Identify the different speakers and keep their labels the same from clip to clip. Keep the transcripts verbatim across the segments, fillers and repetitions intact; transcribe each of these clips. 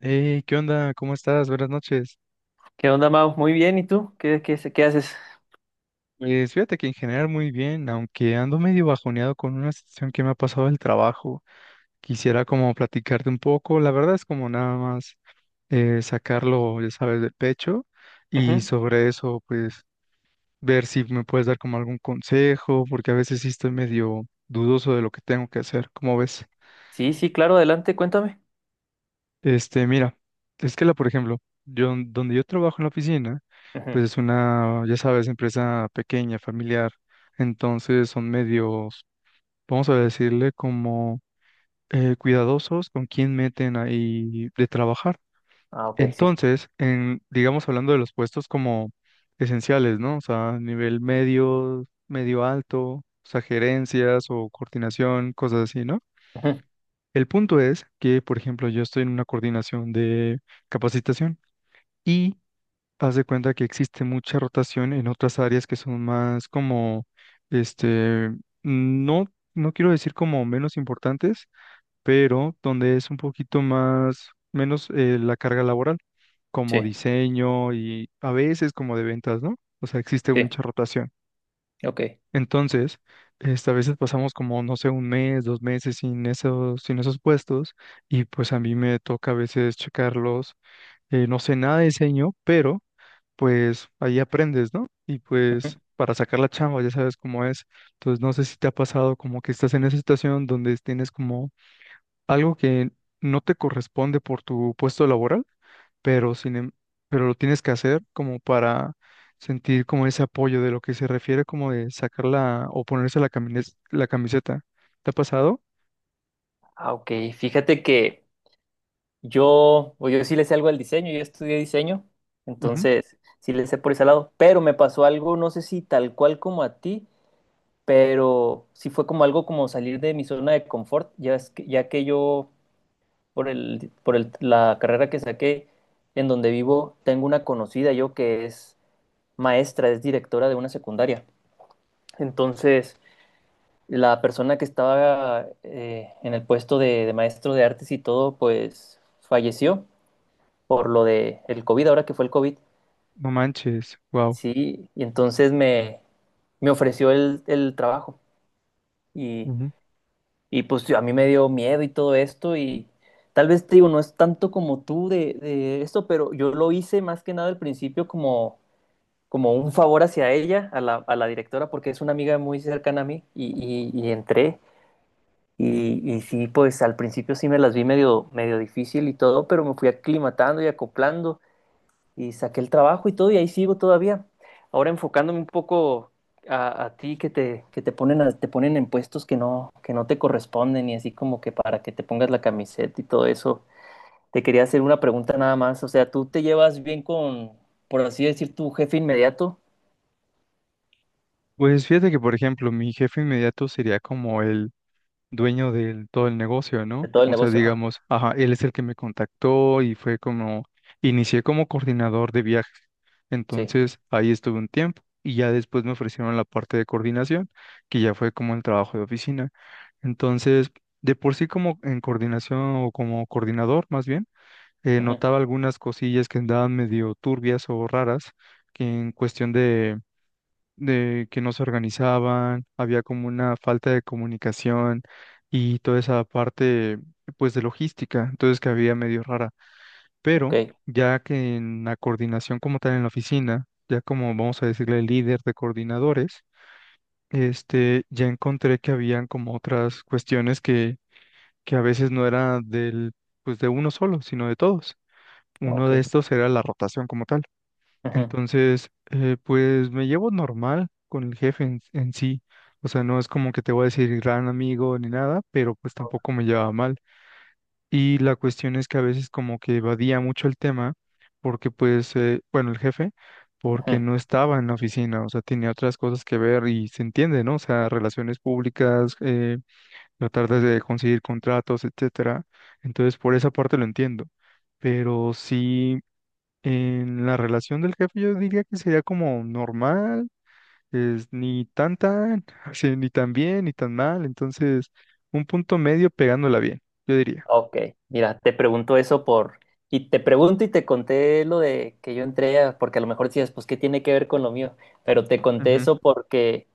Speaker 1: Hey, ¿qué onda? ¿Cómo estás? Buenas noches.
Speaker 2: ¿Qué onda, Mau? Muy bien, ¿y tú? ¿Qué, qué, qué haces?
Speaker 1: Pues fíjate que en general muy bien, aunque ando medio bajoneado con una situación que me ha pasado del trabajo. Quisiera como platicarte un poco. La verdad es como nada más eh, sacarlo, ya sabes, del pecho y
Speaker 2: Ujú.
Speaker 1: sobre eso, pues ver si me puedes dar como algún consejo, porque a veces sí estoy medio dudoso de lo que tengo que hacer. ¿Cómo ves?
Speaker 2: Sí, sí, claro, adelante, cuéntame.
Speaker 1: Este, mira, es que la, por ejemplo, yo donde yo trabajo en la oficina, pues
Speaker 2: Ujú.
Speaker 1: es una, ya sabes, empresa pequeña, familiar, entonces son medios, vamos a decirle como eh, cuidadosos con quién meten ahí de trabajar.
Speaker 2: Ah, ok, sí.
Speaker 1: Entonces, en, digamos hablando de los puestos como esenciales, ¿no? O sea, nivel medio, medio alto, o sea, gerencias o coordinación, cosas así, ¿no?
Speaker 2: Ujú.
Speaker 1: El punto es que, por ejemplo, yo estoy en una coordinación de capacitación. Y haz de cuenta que existe mucha rotación en otras áreas que son más como, este, no, no quiero decir como menos importantes, pero donde es un poquito más, menos eh, la carga laboral, como
Speaker 2: Sí,
Speaker 1: diseño y a veces como de ventas, ¿no? O sea, existe
Speaker 2: sí,
Speaker 1: mucha rotación.
Speaker 2: ok.
Speaker 1: Entonces, este, a veces pasamos como, no sé, un mes, dos meses sin esos, sin esos puestos y pues a mí me toca a veces checarlos. eh, no sé nada de diseño, pero pues ahí aprendes, ¿no? Y pues
Speaker 2: Ujú.
Speaker 1: para sacar la chamba ya sabes cómo es. Entonces no sé si te ha pasado como que estás en esa situación donde tienes como algo que no te corresponde por tu puesto laboral, pero sin, em- pero lo tienes que hacer como para sentir como ese apoyo de lo que se refiere como de sacar la o ponerse la camines- la camiseta. ¿Te ha pasado?
Speaker 2: Ah, ok, fíjate que yo, o yo sí le sé algo al diseño, yo estudié diseño,
Speaker 1: Ujú.
Speaker 2: entonces sí le sé por ese lado, pero me pasó algo, no sé si tal cual como a ti, pero sí fue como algo como salir de mi zona de confort, ya, es que, ya que yo, por el, por el, la carrera que saqué, en donde vivo, tengo una conocida yo que es maestra, es directora de una secundaria. Entonces, la persona que estaba eh, en el puesto de, de maestro de artes y todo, pues falleció por lo de el COVID, ahora que fue el COVID.
Speaker 1: No manches, wow.
Speaker 2: Sí, y entonces me, me ofreció el, el trabajo y,
Speaker 1: Ujú.
Speaker 2: y, pues a mí me dio miedo y todo esto y tal vez te digo, no es tanto como tú de, de esto, pero yo lo hice más que nada al principio como como un favor hacia ella, a la, a la directora, porque es una amiga muy cercana a mí y, y, y entré. Y, y sí, pues al principio sí me las vi medio, medio difícil y todo, pero me fui aclimatando y acoplando y saqué el trabajo y todo y ahí sigo todavía. Ahora enfocándome un poco a, a ti que te, que te ponen, a- te ponen en puestos que no, que no te corresponden y así como que para que te pongas la camiseta y todo eso. Te quería hacer una pregunta nada más. O sea, ¿tú te llevas bien con, por así decir, tu jefe inmediato
Speaker 1: Pues fíjate que, por ejemplo, mi jefe inmediato sería como el dueño de todo el negocio,
Speaker 2: de
Speaker 1: ¿no?
Speaker 2: todo el
Speaker 1: O sea,
Speaker 2: negocio?
Speaker 1: digamos, ajá, él es el que me contactó y fue como, inicié como coordinador de viajes.
Speaker 2: Sí.
Speaker 1: Entonces, ahí estuve un tiempo y ya después me ofrecieron la parte de coordinación, que ya fue como el trabajo de oficina. Entonces, de por sí como en coordinación o como coordinador, más bien, eh,
Speaker 2: Ujú.
Speaker 1: notaba algunas cosillas que andaban medio turbias o raras, que en cuestión de que no se organizaban, había como una falta de comunicación y toda esa parte pues de logística, entonces que había medio rara.
Speaker 2: Ok,
Speaker 1: Pero ya que en la coordinación como tal en la oficina, ya como vamos a decirle líder de coordinadores, este, ya encontré que habían como otras cuestiones que, que a veces no era del, pues de uno solo, sino de todos. Uno
Speaker 2: ok.
Speaker 1: de estos era la rotación como tal.
Speaker 2: Ujú.
Speaker 1: Entonces, eh, pues me llevo normal con el jefe en, en sí. O sea, no es como que te voy a decir gran amigo ni nada, pero pues tampoco me llevaba mal. Y la cuestión es que a veces como que evadía mucho el tema, porque pues, eh, bueno, el jefe, porque
Speaker 2: Ujú.
Speaker 1: no estaba en la oficina, o sea, tenía otras cosas que ver y se entiende, ¿no? O sea, relaciones públicas, eh, tratar de conseguir contratos, etcétera. Entonces, por esa parte lo entiendo. Pero sí. En la relación del jefe yo diría que sería como normal, es ni tan tan, así, ni tan bien, ni tan mal, entonces un punto medio pegándola bien, yo diría.
Speaker 2: Ok. Mira, te pregunto eso por... Y te pregunto y te conté lo de que yo entré, a- porque a lo mejor decías, pues, ¿qué tiene que ver con lo mío? Pero te conté
Speaker 1: Ujú.
Speaker 2: eso porque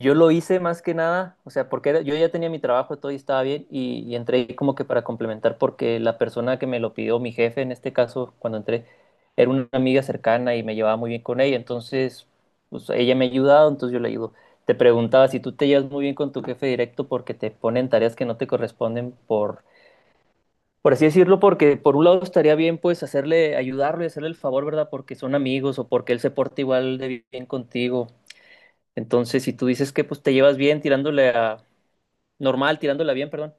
Speaker 2: yo lo hice más que nada, o sea, porque era- yo ya tenía mi trabajo, todo y estaba bien, y, y entré como que para complementar, porque la persona que me lo pidió, mi jefe en este caso, cuando entré, era una amiga cercana y me llevaba muy bien con ella, entonces, pues ella me ha ayudado, entonces yo le ayudo. Te preguntaba si tú te llevas muy bien con tu jefe directo porque te ponen tareas que no te corresponden por, por así decirlo, porque por un lado estaría bien pues hacerle, ayudarlo y hacerle el favor, ¿verdad? Porque son amigos o porque él se porta igual de bien contigo, entonces, si tú dices que pues te llevas bien tirándole a normal, tirándola bien, perdón,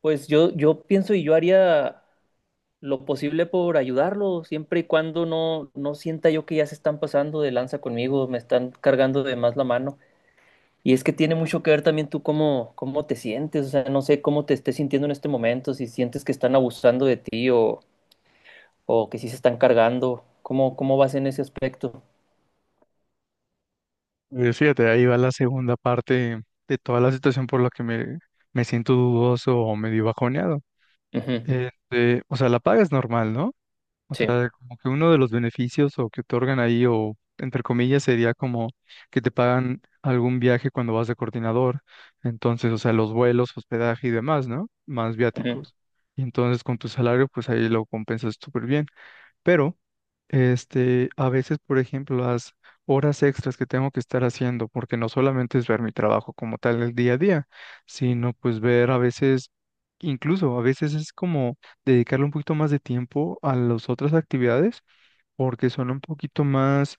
Speaker 2: pues yo, yo pienso y yo haría lo posible por ayudarlo, siempre y cuando no, no sienta yo que ya se están pasando de lanza conmigo, me están cargando de más la mano. Y es que tiene mucho que ver también tú cómo, cómo te sientes, o sea, no sé cómo te estés sintiendo en este momento, si sientes que están abusando de ti o, o que sí se están cargando, ¿cómo, cómo vas en ese aspecto?
Speaker 1: Eh, Fíjate, ahí va la segunda parte de toda la situación por la que me, me siento dudoso o medio bajoneado.
Speaker 2: Ujú.
Speaker 1: Este, o sea, la paga es normal, ¿no? O
Speaker 2: Sí,
Speaker 1: sea, como que uno de los beneficios o que otorgan ahí, o entre comillas, sería como que te pagan algún viaje cuando vas de coordinador. Entonces, o sea, los vuelos, hospedaje y demás, ¿no? Más
Speaker 2: ujú,
Speaker 1: viáticos. Y entonces con tu salario, pues ahí lo compensas súper bien. Pero este, a veces, por ejemplo, las horas extras que tengo que estar haciendo, porque no solamente es ver mi trabajo como tal el día a día, sino pues ver a veces, incluso a veces es como dedicarle un poquito más de tiempo a las otras actividades, porque son un poquito más,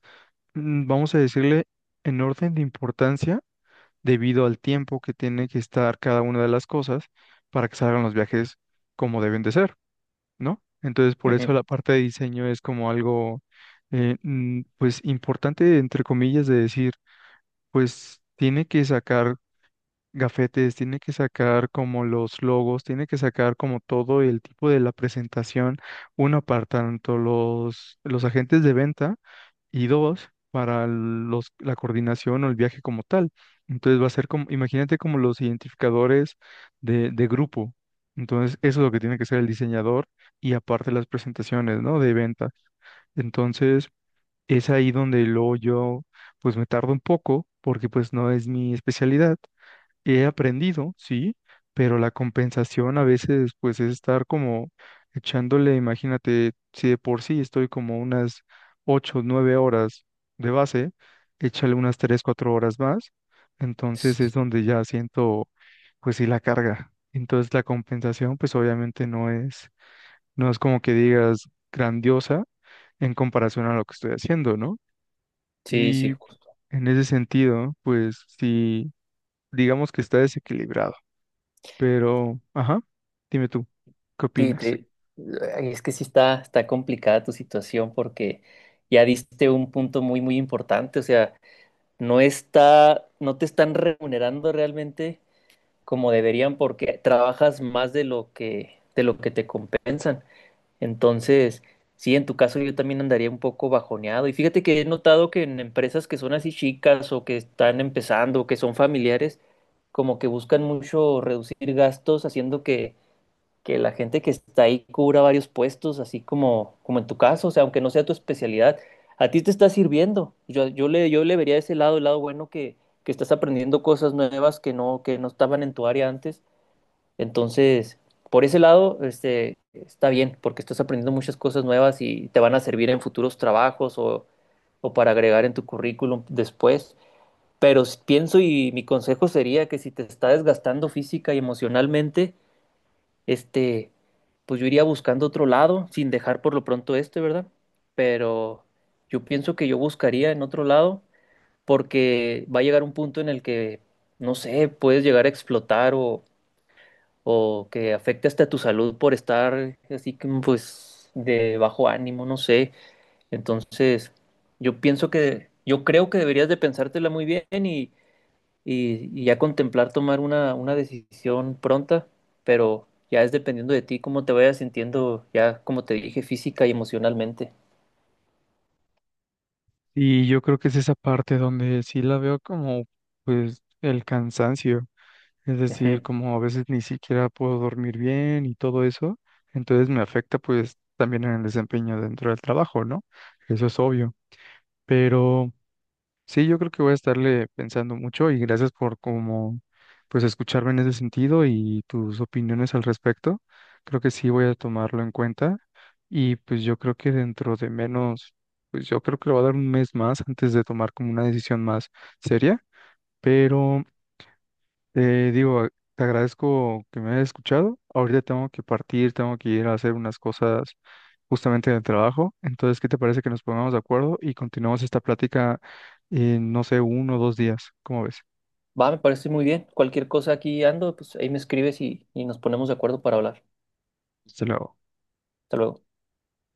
Speaker 1: mm, vamos a decirle, en orden de importancia, debido al tiempo que tiene que estar cada una de las cosas para que salgan los viajes como deben de ser, ¿no? Entonces, por eso
Speaker 2: ujú.
Speaker 1: la parte de diseño es como algo, eh, mm, pues, importante, entre comillas, de decir, pues, tiene que sacar gafetes, tiene que sacar como los logos, tiene que sacar como todo el tipo de la presentación, una parte, tanto los, los agentes de venta, y dos, para el- los, la coordinación o el viaje como tal. Entonces va a ser como, imagínate como los identificadores de, de grupo. Entonces eso es lo que tiene que ser el diseñador y aparte las presentaciones, ¿no? De ventas. Entonces, es ahí donde luego yo, pues me tardo un poco, porque pues no es mi especialidad. He aprendido, sí, pero la compensación a veces pues es estar como echándole, imagínate, si de por sí estoy como unas ocho nueve horas de base, échale unas tres cuatro horas más, entonces es donde ya siento pues sí la carga. Entonces la compensación pues obviamente no es, no es como que digas grandiosa en comparación a lo que estoy haciendo, ¿no?
Speaker 2: Sí,
Speaker 1: Y
Speaker 2: sí.
Speaker 1: en ese sentido pues sí, digamos que está desequilibrado. Pero, ajá, dime tú, ¿qué
Speaker 2: Sí,
Speaker 1: opinas?
Speaker 2: te- ay, es que sí está, está complicada tu situación porque ya diste un punto muy, muy importante. O sea, no está, no te están remunerando realmente como deberían porque trabajas más de lo que, de lo que te compensan. Entonces, sí, en tu caso yo también andaría un poco bajoneado. Y fíjate que he notado que en empresas que son así chicas o que están empezando o que son familiares, como que buscan mucho reducir gastos haciendo que que la gente que está ahí cubra varios puestos, así como, como en tu caso, o sea, aunque no sea tu especialidad, a ti te está sirviendo. Yo, yo le, yo le vería ese lado, el lado bueno que, que estás aprendiendo cosas nuevas que no, que no estaban en tu área antes. Entonces, por ese lado, este, está bien, porque estás aprendiendo muchas cosas nuevas y te van a servir en futuros trabajos o, o para agregar en tu currículum después. Pero s- pienso y mi consejo sería que si te está desgastando física y emocionalmente, este, pues yo iría buscando otro lado, sin dejar por lo pronto este, ¿verdad? Pero yo pienso que yo buscaría en otro lado, porque va a llegar un punto en el que, no sé, puedes llegar a explotar o, o que afecte hasta tu salud por estar así que, pues, de bajo ánimo, no sé. Entonces, yo pienso que, yo creo que deberías de pensártela muy bien y y, y ya contemplar tomar una, una decisión pronta, pero ya es dependiendo de ti cómo te vayas sintiendo, ya como te dije, física y emocionalmente.
Speaker 1: Y yo creo que es esa parte donde sí la veo como, pues, el cansancio, es
Speaker 2: Ujú.
Speaker 1: decir, como a veces ni siquiera puedo dormir bien y todo eso, entonces me afecta, pues, también en el desempeño dentro del trabajo, ¿no? Eso es obvio, pero... Sí, yo creo que voy a estarle pensando mucho y gracias por como pues escucharme en ese sentido y tus opiniones al respecto. Creo que sí voy a tomarlo en cuenta y pues yo creo que dentro de menos, pues yo creo que le voy a dar un mes más antes de tomar como una decisión más seria, pero te digo, te agradezco que me hayas escuchado. Ahorita tengo que partir, tengo que ir a hacer unas cosas justamente del trabajo. Entonces, ¿qué te parece que nos pongamos de acuerdo y continuamos esta plática en, no sé, uno o dos días? ¿Cómo ves?
Speaker 2: Va, me parece muy bien. Cualquier cosa aquí ando, pues ahí me escribes y, y nos ponemos de acuerdo para hablar.
Speaker 1: Hasta luego.
Speaker 2: Hasta luego.